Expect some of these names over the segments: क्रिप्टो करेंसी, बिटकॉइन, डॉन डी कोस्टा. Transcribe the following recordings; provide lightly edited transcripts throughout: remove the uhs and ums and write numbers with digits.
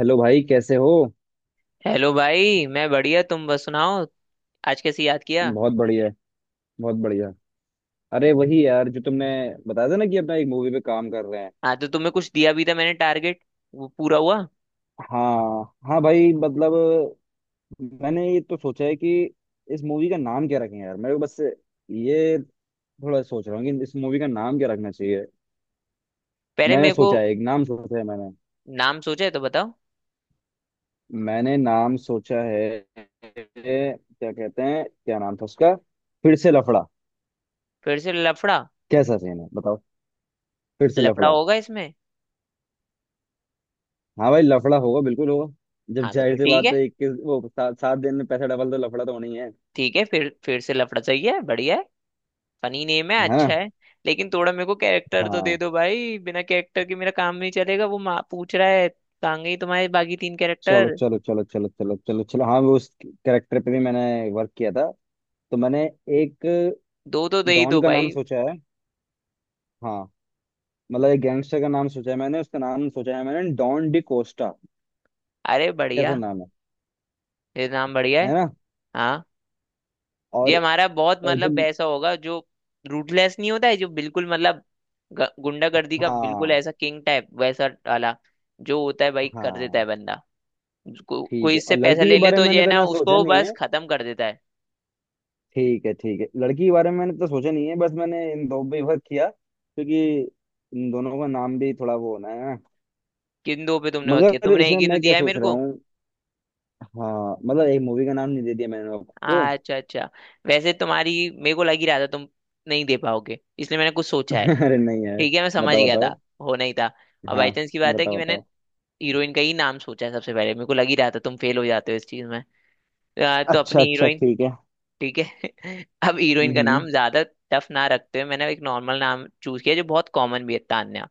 Hello भाई, कैसे हो? हेलो भाई, मैं बढ़िया। तुम बस सुनाओ। आज कैसे याद किया? बहुत बढ़िया। बहुत बढ़िया। अरे वही यार, जो तुमने बताया था ना कि अपना एक मूवी पे काम कर रहे हैं। हाँ, तो तुम्हें कुछ दिया भी था मैंने टारगेट। वो पूरा हुआ? हाँ हाँ भाई, मतलब मैंने ये तो सोचा है कि इस मूवी का नाम क्या रखें यार। मैं बस ये थोड़ा सोच रहा हूँ कि इस मूवी का नाम क्या रखना चाहिए। पहले मैंने मेरे को। सोचा है, एक नाम सोचा है मैंने नाम सोचा है तो बताओ। मैंने नाम सोचा है। क्या कहते हैं, क्या नाम था उसका। फिर से लफड़ा। फिर से लफड़ा? कैसा सीन है बताओ। फिर से लफड़ा लफड़ा। होगा इसमें। हाँ भाई, लफड़ा होगा, बिल्कुल होगा। जब हाँ, तो जाहिर फिर सी ठीक बात है। है, 21 वो सात सात दिन में पैसा डबल तो लफड़ा तो होना ही है। है ठीक है, फिर से लफड़ा सही है, बढ़िया है। फनी नेम है, ना? अच्छा है। लेकिन थोड़ा मेरे को कैरेक्टर तो दे हाँ। दो भाई, बिना कैरेक्टर के मेरा काम नहीं चलेगा। वो माँ पूछ रहा है, कहाँ गई तुम्हारे बाकी तीन चलो कैरेक्टर? चलो चलो चलो चलो चलो चलो, हाँ वो उस कैरेक्टर पे भी मैंने वर्क किया था। तो मैंने एक दो तो दे ही डॉन दो का नाम भाई। सोचा है। हाँ मतलब एक गैंगस्टर का नाम सोचा है मैंने। उसका नाम सोचा है मैंने, डॉन डी कोस्टा। अरे कैसा बढ़िया, नाम है? ये नाम बढ़िया है है। ना? हाँ, और ये हमारा बहुत जो। मतलब ऐसा होगा जो रूटलेस नहीं होता है, जो बिल्कुल मतलब गुंडागर्दी का बिल्कुल हाँ ऐसा किंग टाइप वैसा वाला जो होता है। भाई कर देता हाँ है बंदा। ठीक कोई है। इससे और पैसा लड़की के ले ले बारे तो में ये मैंने है तो ना, ना, सोचा उसको नहीं बस है। खत्म कर देता है। ठीक है ठीक है। लड़की के बारे में मैंने तो सोचा नहीं है। बस मैंने इन दो पे वर्क किया, क्योंकि इन दोनों का नाम भी थोड़ा वो होना है। किन दो पे तुमने वर्क किया? मगर तुमने एक इसमें ही तो मैं क्या दिया है सोच मेरे रहा को। हूँ, हाँ मतलब एक मूवी का नाम नहीं दे दिया मैंने आपको। अच्छा अच्छा, वैसे तुम्हारी मेरे को लग ही रहा था तुम नहीं दे पाओगे, इसलिए मैंने कुछ सोचा है। अरे नहीं यार। ठीक है, मैं समझ बताओ गया बताओ। था, होना ही था। और हाँ, बाई चांस की बात है कि बताओ मैंने बताओ। हीरोइन का ही नाम सोचा है, सबसे पहले मेरे को लग ही रहा था तुम फेल हो जाते हो इस चीज में। तो अच्छा अपनी अच्छा, हीरोइन ठीक है। ठीक है। अब हीरोइन का हम्म। नाम ज्यादा टफ ना रखते हुए मैंने एक नॉर्मल नाम चूज किया जो बहुत कॉमन भी है, तान्या।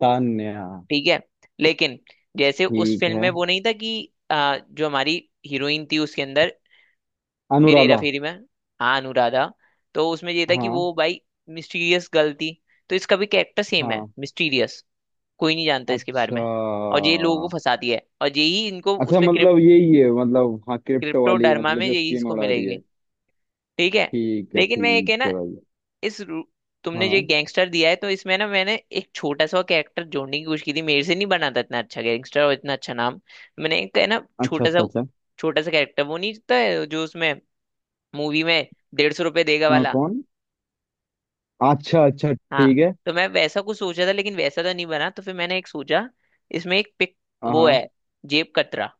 तान्या। ठीक है। लेकिन जैसे उस ठीक फिल्म है। में वो नहीं था कि जो हमारी हीरोइन थी उसके अंदर, फिर हेरा अनुराधा। फेरी में, हाँ अनुराधा। तो उसमें ये था कि हाँ वो भाई मिस्टीरियस गर्ल थी। तो इसका भी कैरेक्टर सेम है, हाँ। मिस्टीरियस, कोई नहीं जानता इसके बारे अच्छा में। और ये लोगों को फंसाती है और यही इनको अच्छा, उसपे मतलब यही है मतलब, हाँ क्रिप्टो वाली, क्रिप्टोडर्मा मतलब में जो यही स्कीम इसको उड़ा रही मिलेगी। है। ठीक है। ठीक है लेकिन मैं एक ठीक है ना, है भाई। इस रू- तुमने जो हाँ, गैंगस्टर दिया है तो इसमें ना मैंने एक छोटा सा कैरेक्टर जोड़ने की कोशिश की थी, मेरे से नहीं बना था इतना अच्छा गैंगस्टर और इतना अच्छा नाम। मैंने एक है ना अच्छा छोटा अच्छा सा, अच्छा। छोटा सा कैरेक्टर, वो नहीं था जो उसमें मूवी में 150 रुपये देगा हाँ वाला? कौन? अच्छा अच्छा, हाँ। ठीक है। तो मैं वैसा कुछ सोचा था लेकिन वैसा तो नहीं बना, तो फिर मैंने एक सोचा, इसमें एक पिक हाँ वो हाँ। है, जेब कतरा।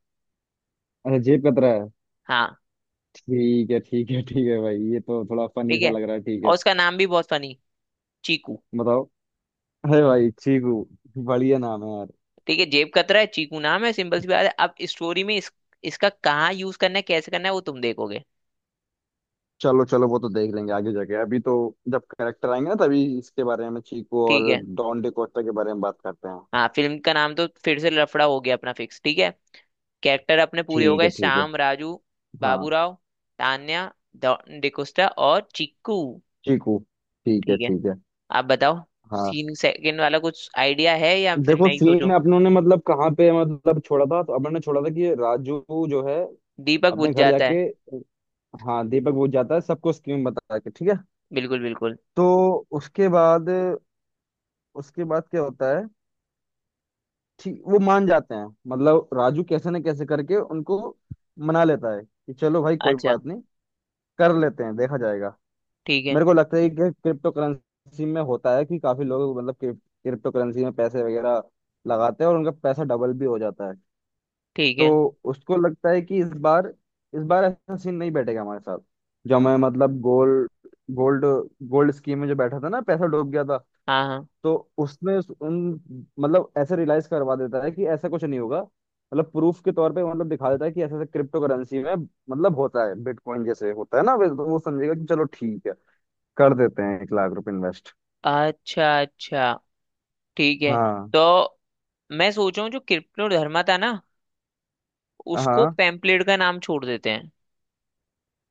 अच्छा, जेब कतरा है। हाँ। ठीक है ठीक है ठीक है भाई, ये तो थोड़ा फनी ठीक सा है, लग रहा है। ठीक है, और उसका नाम भी बहुत फनी, चीकू। बताओ। है भाई, चीकू। बढ़िया नाम है यार। ठीक है, जेब कतरा है, चीकू नाम है, सिंपल सी बात है। अब स्टोरी में इसका कहाँ यूज करना है कैसे करना है वो तुम देखोगे। चलो चलो, वो तो देख लेंगे आगे जाके, अभी तो जब करेक्टर आएंगे ना, तभी इसके बारे में चीकू ठीक और है। डॉन डिकोस्टा के बारे में बात करते हैं। हाँ, फिल्म का नाम तो फिर से लफड़ा हो गया अपना फिक्स, ठीक है। कैरेक्टर अपने पूरे हो ठीक गए, है ठीक है। श्याम, राजू, हाँ, बाबूराव, तान्या, डिकोस्टा और चिक्कू। चीकू। ठीक है ठीक है, ठीक है। आप बताओ। हाँ सीन सेकंड वाला कुछ आइडिया है या फिर देखो, मैं ही सीन सोचूं? अपनों ने मतलब कहाँ पे मतलब छोड़ा था, तो अपनों ने छोड़ा था कि राजू जो है दीपक बुझ अपने घर जाता है। जाके, हाँ दीपक बुझ जाता है सबको स्कीम बता के। ठीक है। बिल्कुल बिल्कुल। तो उसके बाद उसके बाद क्या होता है। ठीक, वो मान जाते हैं। मतलब राजू कैसे न कैसे करके उनको मना लेता है कि चलो भाई कोई अच्छा। बात नहीं, कर लेते हैं, देखा जाएगा। ठीक है मेरे को लगता है कि क्रिप्टो करेंसी में होता है कि काफी लोग मतलब क्रिप्टो करेंसी में पैसे वगैरह लगाते हैं और उनका पैसा डबल भी हो जाता है। ठीक है। तो उसको लगता है कि इस बार ऐसा सीन नहीं बैठेगा हमारे साथ। जो मैं मतलब गोल्ड, गोल्ड गोल्ड स्कीम में जो बैठा था ना, पैसा डूब गया था। हाँ हाँ। तो उसने उन, मतलब ऐसे रियलाइज करवा देता है कि ऐसा कुछ नहीं होगा। मतलब प्रूफ के तौर पे मतलब दिखा देता है कि ऐसा ऐसा क्रिप्टो करेंसी में मतलब होता है, बिटकॉइन जैसे होता है ना। तो वो समझेगा कि चलो ठीक है, कर देते हैं 1 लाख रुपए इन्वेस्ट। अच्छा अच्छा, ठीक है। हाँ तो मैं सोच रहा हूँ जो कृष्णोधर्मा था ना, उसको हाँ। पेम्पलेट का नाम छोड़ देते हैं।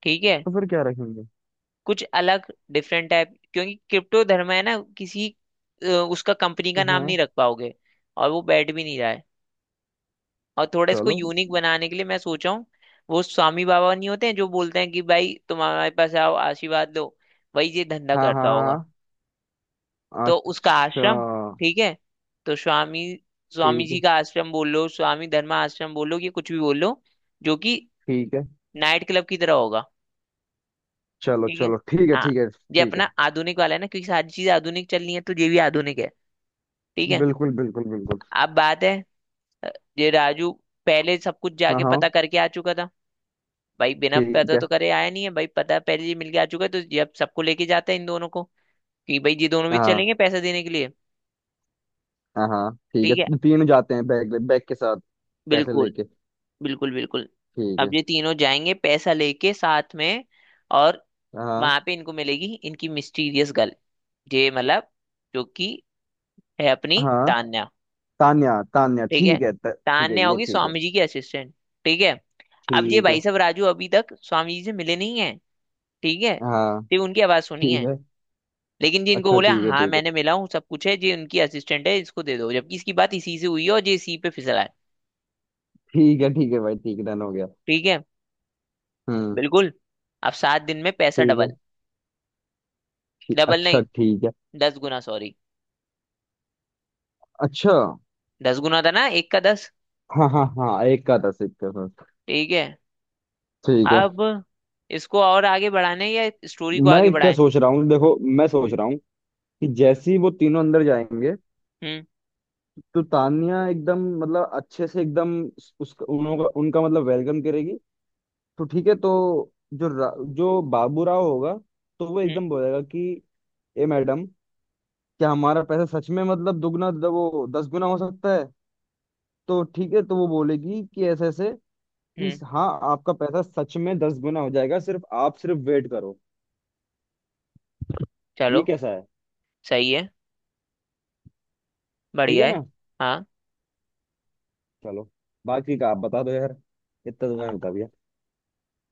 ठीक है, तो फिर क्या रखेंगे? कुछ अलग, डिफरेंट टाइप, क्योंकि क्रिप्टो धर्म है ना किसी उसका कंपनी हाँ का नाम नहीं हाँ, रख पाओगे, और वो बैठ भी नहीं रहा है। और थोड़ा इसको चलो। यूनिक बनाने के लिए मैं सोचा हूँ, वो स्वामी बाबा नहीं होते हैं जो बोलते हैं कि भाई तुम हमारे पास आओ आशीर्वाद लो, वही ये धंधा हाँ हाँ करता होगा। हाँ हाँ, तो उसका आश्रम, अच्छा ठीक है। तो स्वामी, स्वामी ठीक है। जी का आश्रम बोल लो, स्वामी धर्मा आश्रम बोल लो, कि कुछ भी बोल लो, जो कि ठीक है। नाइट क्लब की तरह होगा। चलो ठीक है। चलो, ठीक है हाँ, ठीक है ये ठीक है। अपना आधुनिक वाला है ना, क्योंकि सारी चीजें आधुनिक चल रही है तो ये भी आधुनिक है। ठीक है। बिल्कुल बिल्कुल बिल्कुल। अब बात है, अ, ये राजू पहले सब कुछ हाँ जाके हाँ पता करके आ चुका था। भाई बिना ठीक पता है। तो करे आया नहीं है भाई, पता पहले ये मिलके आ चुका है। तो ये अब सबको लेके जाता है इन दोनों को, कि भाई ये दोनों भी हाँ चलेंगे पैसा देने के लिए। हाँ हाँ ठीक ठीक है, है, तीन जाते हैं बैग बैग के साथ, पैसे बिल्कुल लेके। बिल्कुल बिल्कुल। ठीक अब है। ये तीनों जाएंगे पैसा लेके साथ में, और हाँ वहां पे इनको मिलेगी इनकी मिस्टीरियस गर्ल, ये मतलब जो कि है अपनी हाँ, तान्या। तान्या तान्या, ठीक है, ठीक है। ठीक है, तान्या ये होगी ठीक है। स्वामी जी की असिस्टेंट। ठीक है। अब ये ठीक भाई है। साहब राजू अभी तक स्वामी जी से मिले नहीं है, ठीक है, हाँ सिर्फ उनकी आवाज सुनी ठीक है। है। लेकिन जी इनको अच्छा, बोले ठीक है हाँ ठीक है। मैंने मिला हूँ सब कुछ है जी, उनकी असिस्टेंट है इसको दे दो, जबकि इसकी बात इसी से हुई है और जी इसी पे फिसला है। ठीक है ठीक है भाई, ठीक है, डन हो गया। ठीक है, हम्म। बिल्कुल। अब 7 दिन में पैसा ठीक है। डबल। ठीक, डबल अच्छा नहीं, ठीक है। 10 गुना सॉरी, अच्छा। 10 गुना था ना, एक का 10। हाँ हाँ हाँ, एक का था एक का था। ठीक है। ठीक है। अब इसको और आगे बढ़ाने या स्टोरी को मैं आगे क्या बढ़ाएं? सोच रहा हूँ, देखो मैं सोच हम्म रहा हूँ कि जैसे ही वो तीनों अंदर जाएंगे, हम्म तो तानिया एकदम मतलब अच्छे से एकदम उसका उनका उनका मतलब वेलकम करेगी। तो ठीक है। तो जो जो बाबू राव होगा, तो वो हम्म एकदम बोलेगा कि ए मैडम, क्या हमारा पैसा सच में मतलब दुगना, वो 10 गुना हो सकता है। तो ठीक है, तो वो बोलेगी कि ऐसे ऐसे कि हम्म, हाँ आपका पैसा सच में 10 गुना हो जाएगा, सिर्फ आप सिर्फ वेट करो। ये चलो कैसा है? सही है, ठीक बढ़िया है है। ना? हाँ। चलो, बाकी का आप बता दो यार, इतना तो मैंने बता दिया।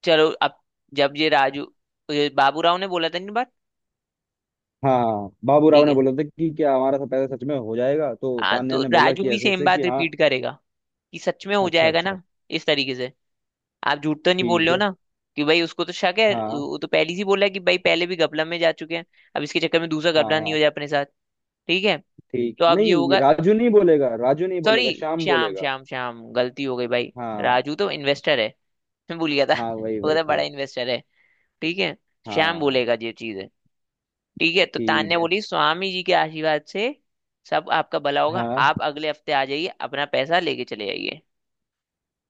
चलो अब, जब ये राजू, ये बाबू राव ने बोला था नहीं बात। हाँ, बाबूराव ठीक ने है। बोला था कि क्या हमारा सब पैसा सच में हो जाएगा, तो हाँ, तान्या तो ने बोला राजू कि भी ऐसे सेम ऐसे कि बात हाँ। रिपीट करेगा कि सच में हो अच्छा जाएगा अच्छा ना, इस तरीके से, आप झूठ तो नहीं बोल ठीक रहे हो है। ना, कि भाई उसको तो शक है, वो हाँ वो तो पहले ही बोला है कि भाई पहले भी गपला में जा चुके हैं, अब इसके चक्कर में दूसरा हाँ गपला नहीं हो हाँ। जाए अपने साथ। ठीक है, ठीक, तो अब ये नहीं होगा। राजू नहीं बोलेगा। राजू नहीं सॉरी, बोलेगा, श्याम श्याम बोलेगा। श्याम श्याम, गलती हो गई भाई, हाँ, राजू तो इन्वेस्टर है, मैं भूल गया था, हाँ वही वो वही तो बड़ा वही। इन्वेस्टर है। ठीक है, श्याम हाँ बोलेगा ये चीज। ठीक है, तो ठीक तान्या है। बोली स्वामी जी के आशीर्वाद से सब आपका भला होगा, हाँ, आप अगले हफ्ते आ जाइए अपना पैसा लेके चले जाइए।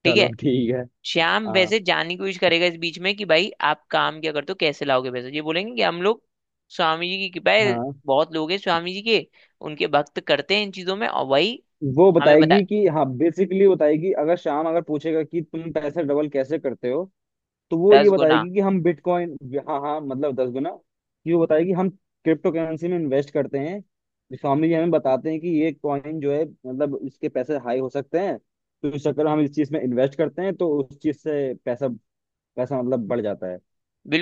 ठीक चलो है। ठीक है। श्याम हाँ वैसे जानने की कोशिश करेगा इस बीच में कि भाई आप काम क्या करते हो कैसे लाओगे पैसा, ये बोलेंगे कि हम लोग स्वामी जी की कृपा है, हाँ। बहुत लोग हैं स्वामी जी के, उनके भक्त करते हैं इन चीजों में और वही। वो हमें बता, बताएगी कि हाँ, बेसिकली बताएगी, अगर श्याम अगर पूछेगा कि तुम पैसे डबल कैसे करते हो, तो वो ये 10 गुना। बताएगी कि हम बिटकॉइन। हाँ हाँ मतलब 10 गुना। कि वो बताएगी, हम क्रिप्टो करेंसी में इन्वेस्ट करते हैं। स्वामी जी हमें बताते हैं कि ये कॉइन जो है मतलब इसके पैसे हाई हो सकते हैं। तो इस चक्कर में हम इस चीज में इन्वेस्ट करते हैं, तो उस चीज से पैसा पैसा मतलब बढ़ जाता है।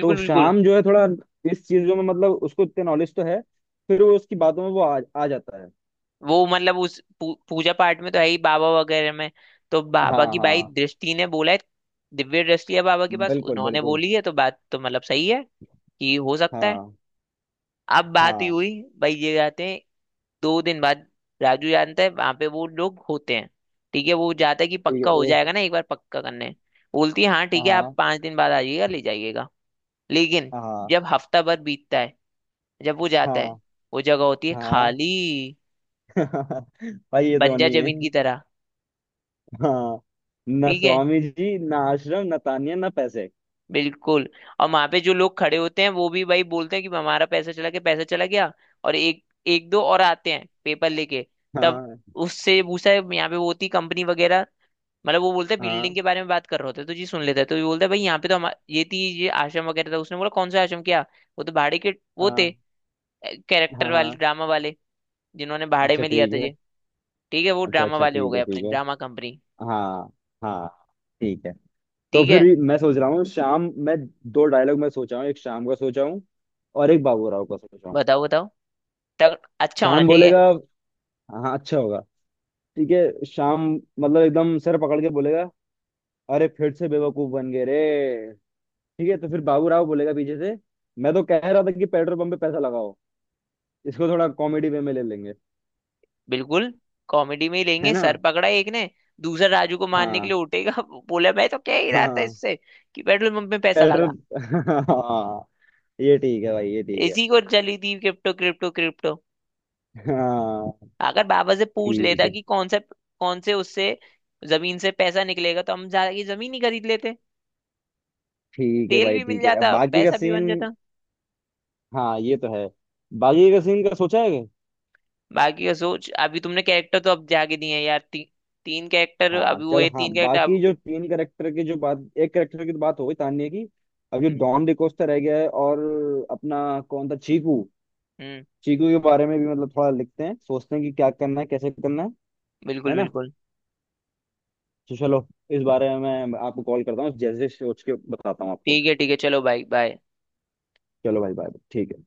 तो बिल्कुल। शाम जो है थोड़ा इस चीजों में मतलब उसको इतने नॉलेज तो है, फिर वो उसकी बातों में वो आ जाता है। वो मतलब उस पूजा पाठ में तो है ही, बाबा वगैरह में, तो हाँ बाबा की भाई हाँ दृष्टि ने बोला है, दिव्य दृष्टि है बाबा के पास, बिल्कुल उन्होंने बिल्कुल। बोली है तो बात तो मतलब सही है, कि हो सकता है। हाँ अब बात ये हाँ हुई, भाई ये जाते हैं, 2 दिन बाद राजू जानता है वहां पे वो लोग होते हैं, ठीक है, वो जाता है कि ठीक पक्का हो है। जाएगा ना, एक बार पक्का करने। बोलती है हाँ ठीक है आप हाँ 5 दिन बाद आ जाइएगा ले जाइएगा। लेकिन हाँ जब हफ्ता भर बीतता है, जब वो जाता है, हाँ वो जगह होती है हाँ। खाली, भाई ये तो बंजर नहीं है। जमीन की तरह। हाँ, ना ठीक है, स्वामी जी, ना आश्रम, ना तानिया, ना पैसे। बिल्कुल। और वहां पे जो लोग खड़े होते हैं वो भी भाई बोलते हैं कि हमारा पैसा चला गया, पैसा चला गया, और एक एक दो और आते हैं पेपर लेके। तब हाँ उससे पूछा है यहाँ पे वो होती कंपनी वगैरह, मतलब वो बोलते हैं बिल्डिंग हाँ के बारे में बात कर रहे होते हैं तो जी सुन लेता है। तो ये बोलता है भाई यहाँ पे तो हम, ये थी ये आश्रम वगैरह था। उसने बोला कौन सा आश्रम क्या, वो तो भाड़े के वो थे, हाँ कैरेक्टर हाँ वाले, हाँ। ड्रामा वाले, जिन्होंने भाड़े अच्छा में लिया ठीक था है। ये। ठीक है, वो अच्छा ड्रामा अच्छा, वाले हो ठीक गए है अपने ठीक है। Drama company. हाँ हाँ ठीक है। तो ठीक फिर है, मैं सोच रहा हूँ, शाम। मैं दो डायलॉग मैं सोचा हूँ, एक शाम का सोचा हूँ और एक बाबू राव का सोचा हूँ। बताओ बताओ, तब अच्छा होना शाम चाहिए। बोलेगा, हाँ अच्छा होगा, ठीक है शाम मतलब एकदम सर पकड़ के बोलेगा, अरे फिर से बेवकूफ बन गए रे। ठीक है, तो फिर बाबू राव बोलेगा पीछे से, मैं तो कह रहा था कि पेट्रोल पंप पे पैसा लगाओ। इसको थोड़ा कॉमेडी वे में ले लेंगे, बिल्कुल, कॉमेडी में ही है लेंगे, ना? सर पकड़ा एक ने, दूसरा राजू को मारने के लिए हाँ उठेगा बोला मैं तो क्या ही रहा था हाँ, इससे, कि पेट्रोल पंप में पैसा लगा, पेट्रोल, हाँ, ये ठीक है भाई, ये ठीक है। इसी को चली थी क्रिप्टो क्रिप्टो क्रिप्टो, हाँ अगर बाबा से पूछ ठीक लेता है कि कौन से, कौन से उससे जमीन से पैसा निकलेगा तो हम जाके जमीन ही खरीद लेते, ठीक है तेल भाई, भी मिल ठीक है, अब जाता बाकी का पैसा भी बन सीन। जाता। हाँ ये तो है, बाकी का सीन का सोचा है क्या? बाकी का सोच, अभी तुमने कैरेक्टर तो अब जाके दिए हैं यार, तीन कैरेक्टर हाँ अभी चल हुए, हाँ, तीन कैरेक्टर बाकी अब। जो तीन करेक्टर की जो बात, एक करेक्टर की तो बात हो गई, तान्या की। अब जो हम्म डॉन डिकोस्टा रह गया है, और अपना कौन था, चीकू। हम्म, चीकू के बारे में भी मतलब थोड़ा लिखते हैं, सोचते हैं कि क्या करना है, कैसे करना है बिल्कुल है ना? बिल्कुल, तो चलो, इस बारे में मैं आपको कॉल करता हूँ, जैसे सोच के बताता हूँ आपको। ठीक है ठीक है, चलो भाई बाय। चलो भाई बाय, ठीक है।